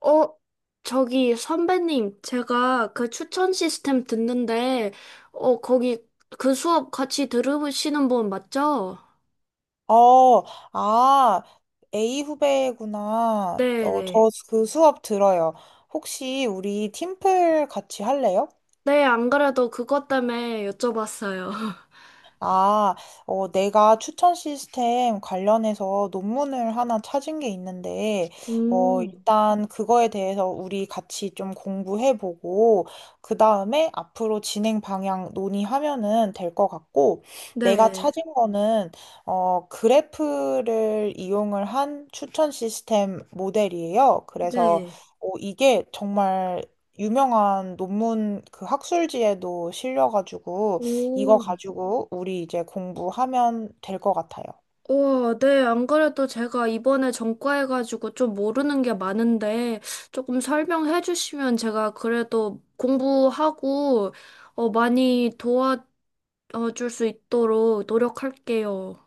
어, 저기 선배님, 제가 그 추천 시스템 듣는데, 어, 거기 그 수업 같이 들으시는 분 맞죠? 어, 아, A 후배구나. 네네. 네, 저 그 수업 들어요. 혹시 우리 팀플 같이 할래요? 네, 안 그래도 그것 때문에 여쭤봤어요. 아, 내가 추천 시스템 관련해서 논문을 하나 찾은 게 있는데, 음, 일단 그거에 대해서 우리 같이 좀 공부해보고, 그 다음에 앞으로 진행 방향 논의하면은 될 것 같고, 내가 네, 찾은 거는 그래프를 이용을 한 추천 시스템 모델이에요. 그래서 네. 이게 정말 유명한 논문, 그 학술지에도 실려가지고, 이거 오, 가지고 우리 이제 공부하면 될 것 같아요. 우와, 네, 안 그래도 제가 이번에 전과해가지고 좀 모르는 게 많은데, 조금 설명해 주시면 제가 그래도 공부하고, 어, 많이 도와, 줄 수 있도록 노력할게요.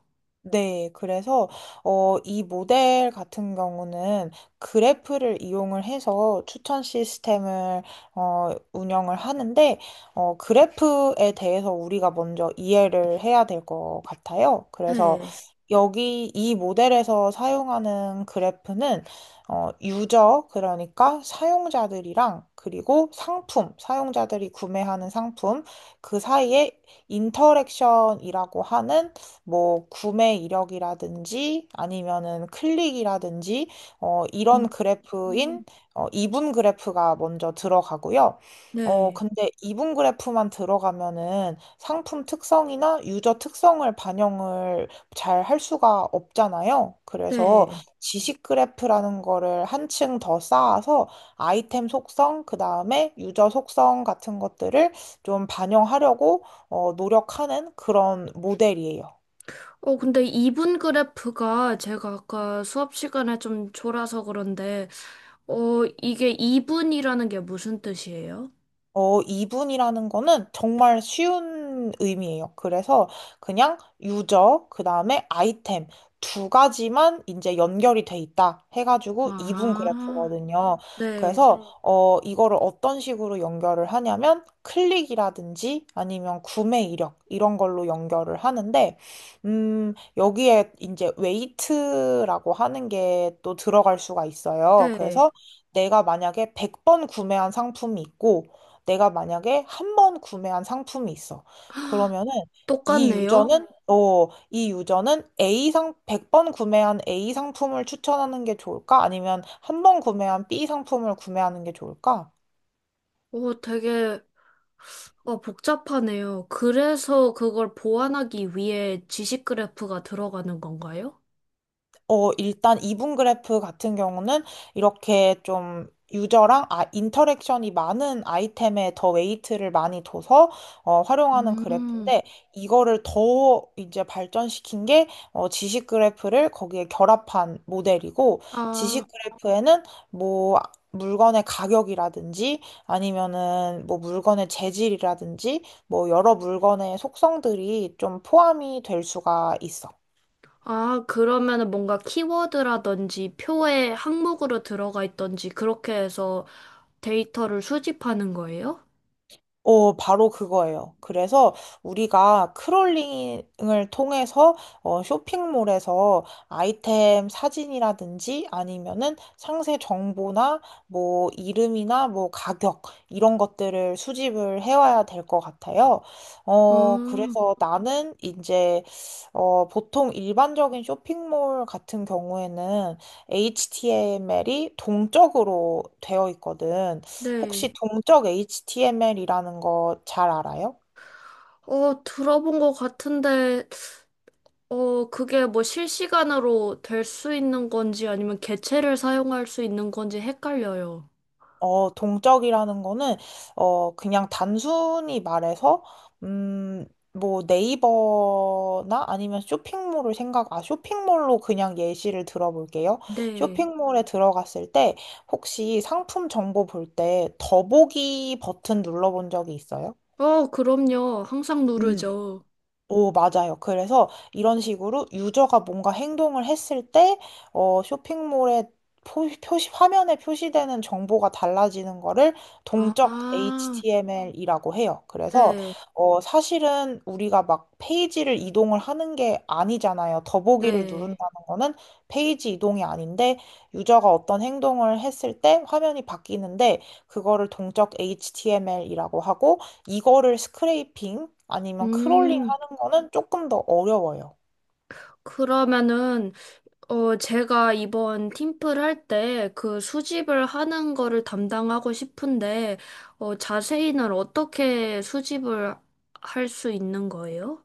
네, 그래서 이 모델 같은 경우는 그래프를 이용을 해서 추천 시스템을 운영을 하는데, 그래프에 대해서 우리가 먼저 이해를 해야 될 것 같아요. 그래서 네. 여기 이 모델에서 사용하는 그래프는, 유저, 그러니까 사용자들이랑, 그리고 상품, 사용자들이 구매하는 상품, 그 사이에 인터랙션이라고 하는 뭐 구매 이력이라든지 아니면은 클릭이라든지, 음. 이런 음. 그래프인 이분 그래프가 먼저 들어가고요. 네. 근데 이분 그래프만 들어가면은 상품 특성이나 유저 특성을 반영을 잘 할 수가 없잖아요. 그래서 네. 지식 그래프라는 거를 한 층 더 쌓아서 아이템 속성, 그 다음에 유저 속성 같은 것들을 좀 반영하려고 노력하는 그런 모델이에요. 어, 근데 이분 그래프가 제가 아까 수업 시간에 좀 졸아서 그런데, 이게 이분이라는 게 무슨 뜻이에요? 이분이라는 거는 정말 쉬운 의미예요. 그래서 그냥 유저, 그 다음에 아이템 두 가지만 이제 연결이 돼 있다 해가지고 이분 아, 그래프거든요. 네. 그래서 네. 이거를 어떤 식으로 연결을 하냐면 클릭이라든지 아니면 구매 이력 이런 걸로 연결을 하는데, 여기에 이제 웨이트라고 하는 게 또 들어갈 수가 있어요. 네. 그래서 내가 만약에 100번 구매한 상품이 있고, 내가 만약에 한 번 구매한 상품이 있어. 그러면은 이 똑같네요. 유저는 어, 이 유저는 A 상 100번 구매한 A 상품을 추천하는 게 좋을까? 아니면 한 번 구매한 B 상품을 구매하는 게 좋을까? 어, 되게, 복잡하네요. 그래서 그걸 보완하기 위해 지식 그래프가 들어가는 건가요? 일단 이분 그래프 같은 경우는 이렇게 좀 유저랑, 인터랙션이 많은 아이템에 더 웨이트를 많이 둬서 활용하는 음, 그래프인데, 이거를 더 이제 발전시킨 게 지식 그래프를 거기에 결합한 모델이고, 아. 지식 그래프에는 뭐 물건의 가격이라든지 아니면은 뭐 물건의 재질이라든지 뭐 여러 물건의 속성들이 좀 포함이 될 수가 있어. 아, 그러면은 뭔가 키워드라든지 표의 항목으로 들어가 있던지 그렇게 해서 데이터를 수집하는 거예요? 바로 그거예요. 그래서 우리가 크롤링을 통해서 쇼핑몰에서 아이템 사진이라든지 아니면은 상세 정보나 뭐 이름이나 뭐 가격 이런 것들을 수집을 해와야 될 것 같아요. 음, 그래서 나는 이제 보통 일반적인 쇼핑몰 같은 경우에는 HTML이 동적으로 되어 있거든. 네. 혹시 동적 HTML이라는 거 잘 알아요? 어, 들어본 것 같은데, 그게 뭐 실시간으로 될 수 있는 건지 아니면 개체를 사용할 수 있는 건지 헷갈려요. 동적이라는 거는, 그냥 단순히 말해서, 음, 뭐 네이버나 아니면 쇼핑몰로 그냥 예시를 들어볼게요. 네. 쇼핑몰에 들어갔을 때, 혹시 상품 정보 볼 때 더보기 버튼 눌러본 적이 있어요? 어, 그럼요. 항상 음. 누르죠. 오, 맞아요. 그래서 이런 식으로 유저가 뭔가 행동을 했을 때, 쇼핑몰에 표시, 화면에 표시되는 정보가 달라지는 거를 동적 아, HTML이라고 해요. 그래서, 네, 사실은 우리가 막 페이지를 이동을 하는 게 아니잖아요. 더보기를 누른다는 네. 거는 페이지 이동이 아닌데, 유저가 어떤 행동을 했을 때 화면이 바뀌는데, 그거를 동적 HTML이라고 하고, 이거를 스크레이핑 아니면 크롤링 음, 는 거는 조금 더 어려워요. 그러면은 제가 이번 팀플 할 때 그 수집을 하는 거를 담당하고 싶은데, 어, 자세히는 어떻게 수집을 할 수 있는 거예요?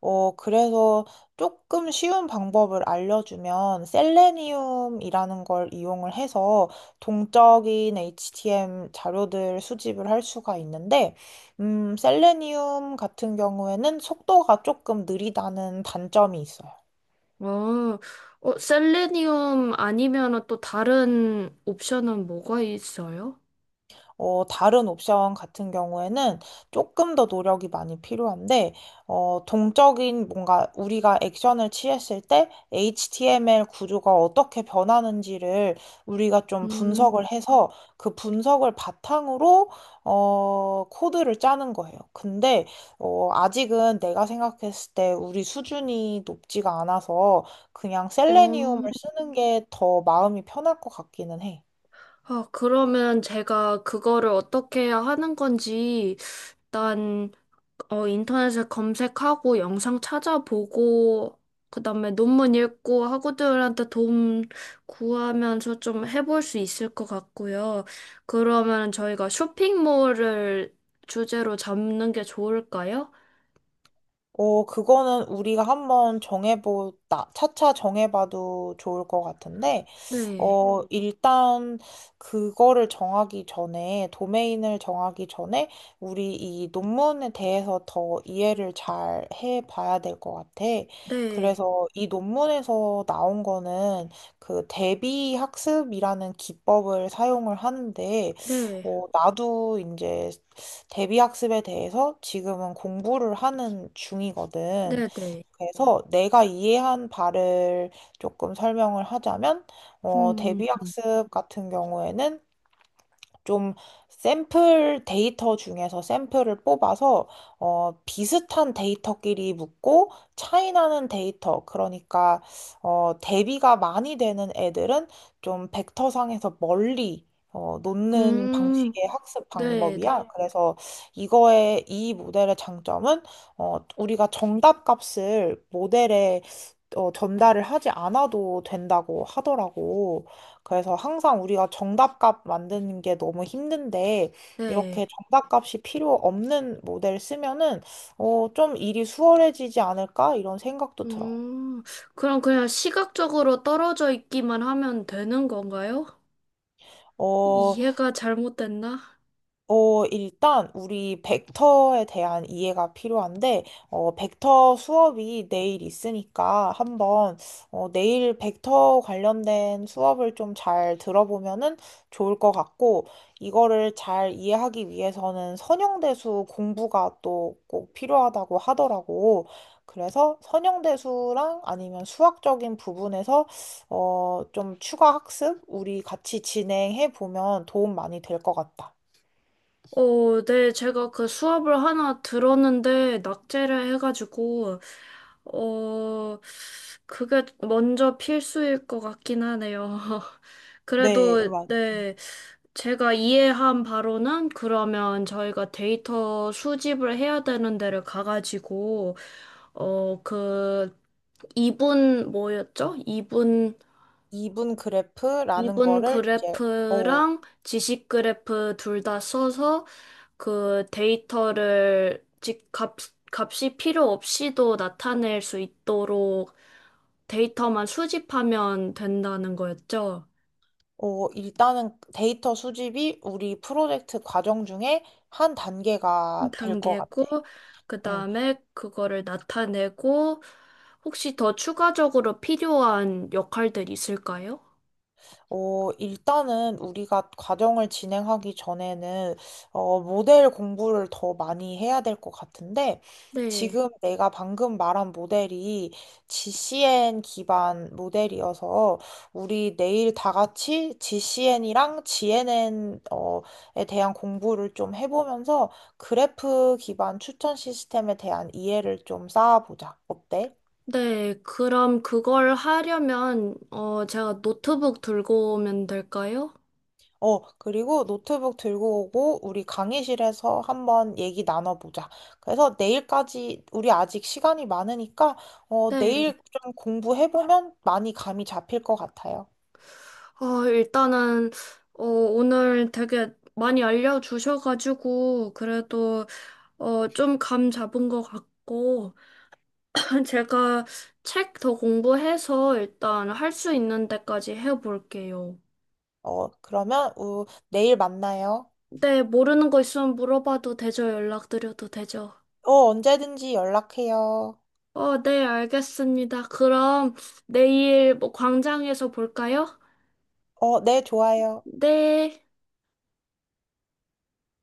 그래서 조금 쉬운 방법을 알려주면 셀레니움이라는 걸 이용을 해서 동적인 HTM 자료들 수집을 할 수가 있는데, 셀레니움 같은 경우에는 속도가 조금 느리다는 단점이 있어요. 어, 어, 셀레니움 아니면 또 다른 옵션은 뭐가 있어요? 다른 옵션 같은 경우에는 조금 더 노력이 많이 필요한데, 동적인 뭔가 우리가 액션을 취했을 때 HTML 구조가 어떻게 변하는지를 우리가 좀 음, 분석을 해서 그 분석을 바탕으로, 코드를 짜는 거예요. 근데, 아직은 내가 생각했을 때 우리 수준이 높지가 않아서 그냥 셀레니움을 어, 쓰는 게 더 마음이 편할 것 같기는 해. 아, 그러면 제가 그거를 어떻게 하는 건지 일단 인터넷에 검색하고 영상 찾아보고, 그 다음에 논문 읽고 학우들한테 도움 구하면서 좀 해볼 수 있을 것 같고요. 그러면 저희가 쇼핑몰을 주제로 잡는 게 좋을까요? 그거는 우리가 한번 차차 정해봐도 좋을 것 같은데, 네, 일단 그거를 정하기 전에, 도메인을 정하기 전에, 우리 이 논문에 대해서 더 이해를 잘 해봐야 될 것 같아. 네, 그래서 이 논문에서 나온 거는 그 대비 학습이라는 기법을 사용을 하는데, 네, 나도 이제 대비 학습에 대해서 지금은 공부를 하는 중이거든. 네, 네. 그래서 내가 이해한 바를 조금 설명을 하자면, 음, 대비학습 같은 경우에는 좀 샘플 데이터 중에서 샘플을 뽑아서 비슷한 데이터끼리 묶고 차이 나는 데이터, 그러니까 대비가 많이 되는 애들은 좀 벡터상에서 멀리 놓는 음, 방식의 학습 네, 네, 방법이야. 네. 그래서 이거의 이 모델의 장점은, 우리가 정답 값을 모델에 전달을 하지 않아도 된다고 하더라고. 그래서 항상 우리가 정답값 만드는 게 너무 힘든데, 이렇게 네. 정답값이 필요 없는 모델 쓰면은, 좀 일이 수월해지지 않을까? 이런 생각도 들어. 음, 그럼 그냥 시각적으로 떨어져 있기만 하면 되는 건가요? 어, 이해가 잘못됐나? 일단 우리 벡터에 대한 이해가 필요한데, 벡터 수업이 내일 있으니까 한번, 내일 벡터 관련된 수업을 좀 잘 들어보면은 좋을 것 같고, 이거를 잘 이해하기 위해서는 선형대수 공부가 또 꼭 필요하다고 하더라고. 그래서 선형대수랑 아니면 수학적인 부분에서 좀 추가 학습 우리 같이 진행해 보면 도움 많이 될 것 같다. 어, 네, 제가 그 수업을 하나 들었는데, 낙제를 해가지고, 어, 그게 먼저 필수일 것 같긴 하네요. 네, 그래도, 막 네, 제가 이해한 바로는 그러면 저희가 데이터 수집을 해야 되는 데를 가가지고, 어, 그, 이분, 뭐였죠? 이분 이분 그래프라는 이분 거를 이제 어, 그래프랑 지식 그래프 둘 다 써서 그 데이터를 즉 값, 값이 필요 없이도 나타낼 수 있도록 데이터만 수집하면 된다는 거였죠. 일단은 데이터 수집이 우리 프로젝트 과정 중에 한 단계가 될 것 같아. 단계고, 그 다음에 그거를 나타내고, 혹시 더 추가적으로 필요한 역할들 있을까요? 일단은 우리가 과정을 진행하기 전에는, 모델 공부를 더 많이 해야 될 것 같은데, 네. 지금 내가 방금 말한 모델이 GCN 기반 모델이어서, 우리 내일 다 같이 GCN이랑 GNN, 에 대한 공부를 좀 해보면서, 그래프 기반 추천 시스템에 대한 이해를 좀 쌓아보자. 어때? 네, 그럼 그걸 하려면, 제가 노트북 들고 오면 될까요? 그리고 노트북 들고 오고 우리 강의실에서 한번 얘기 나눠보자. 그래서 내일까지 우리 아직 시간이 많으니까 네. 내일 좀 공부해보면 많이 감이 잡힐 것 같아요. 어, 일단은, 오늘 되게 많이 알려주셔가지고, 그래도, 좀 감 잡은 것 같고, 제가 책 더 공부해서 일단 할 수 있는 데까지 해볼게요. 그러면 내일 만나요. 네, 모르는 거 있으면 물어봐도 되죠? 연락드려도 되죠? 언제든지 연락해요. 어, 네, 알겠습니다. 그럼 내일 뭐 광장에서 볼까요? 네, 좋아요. 네.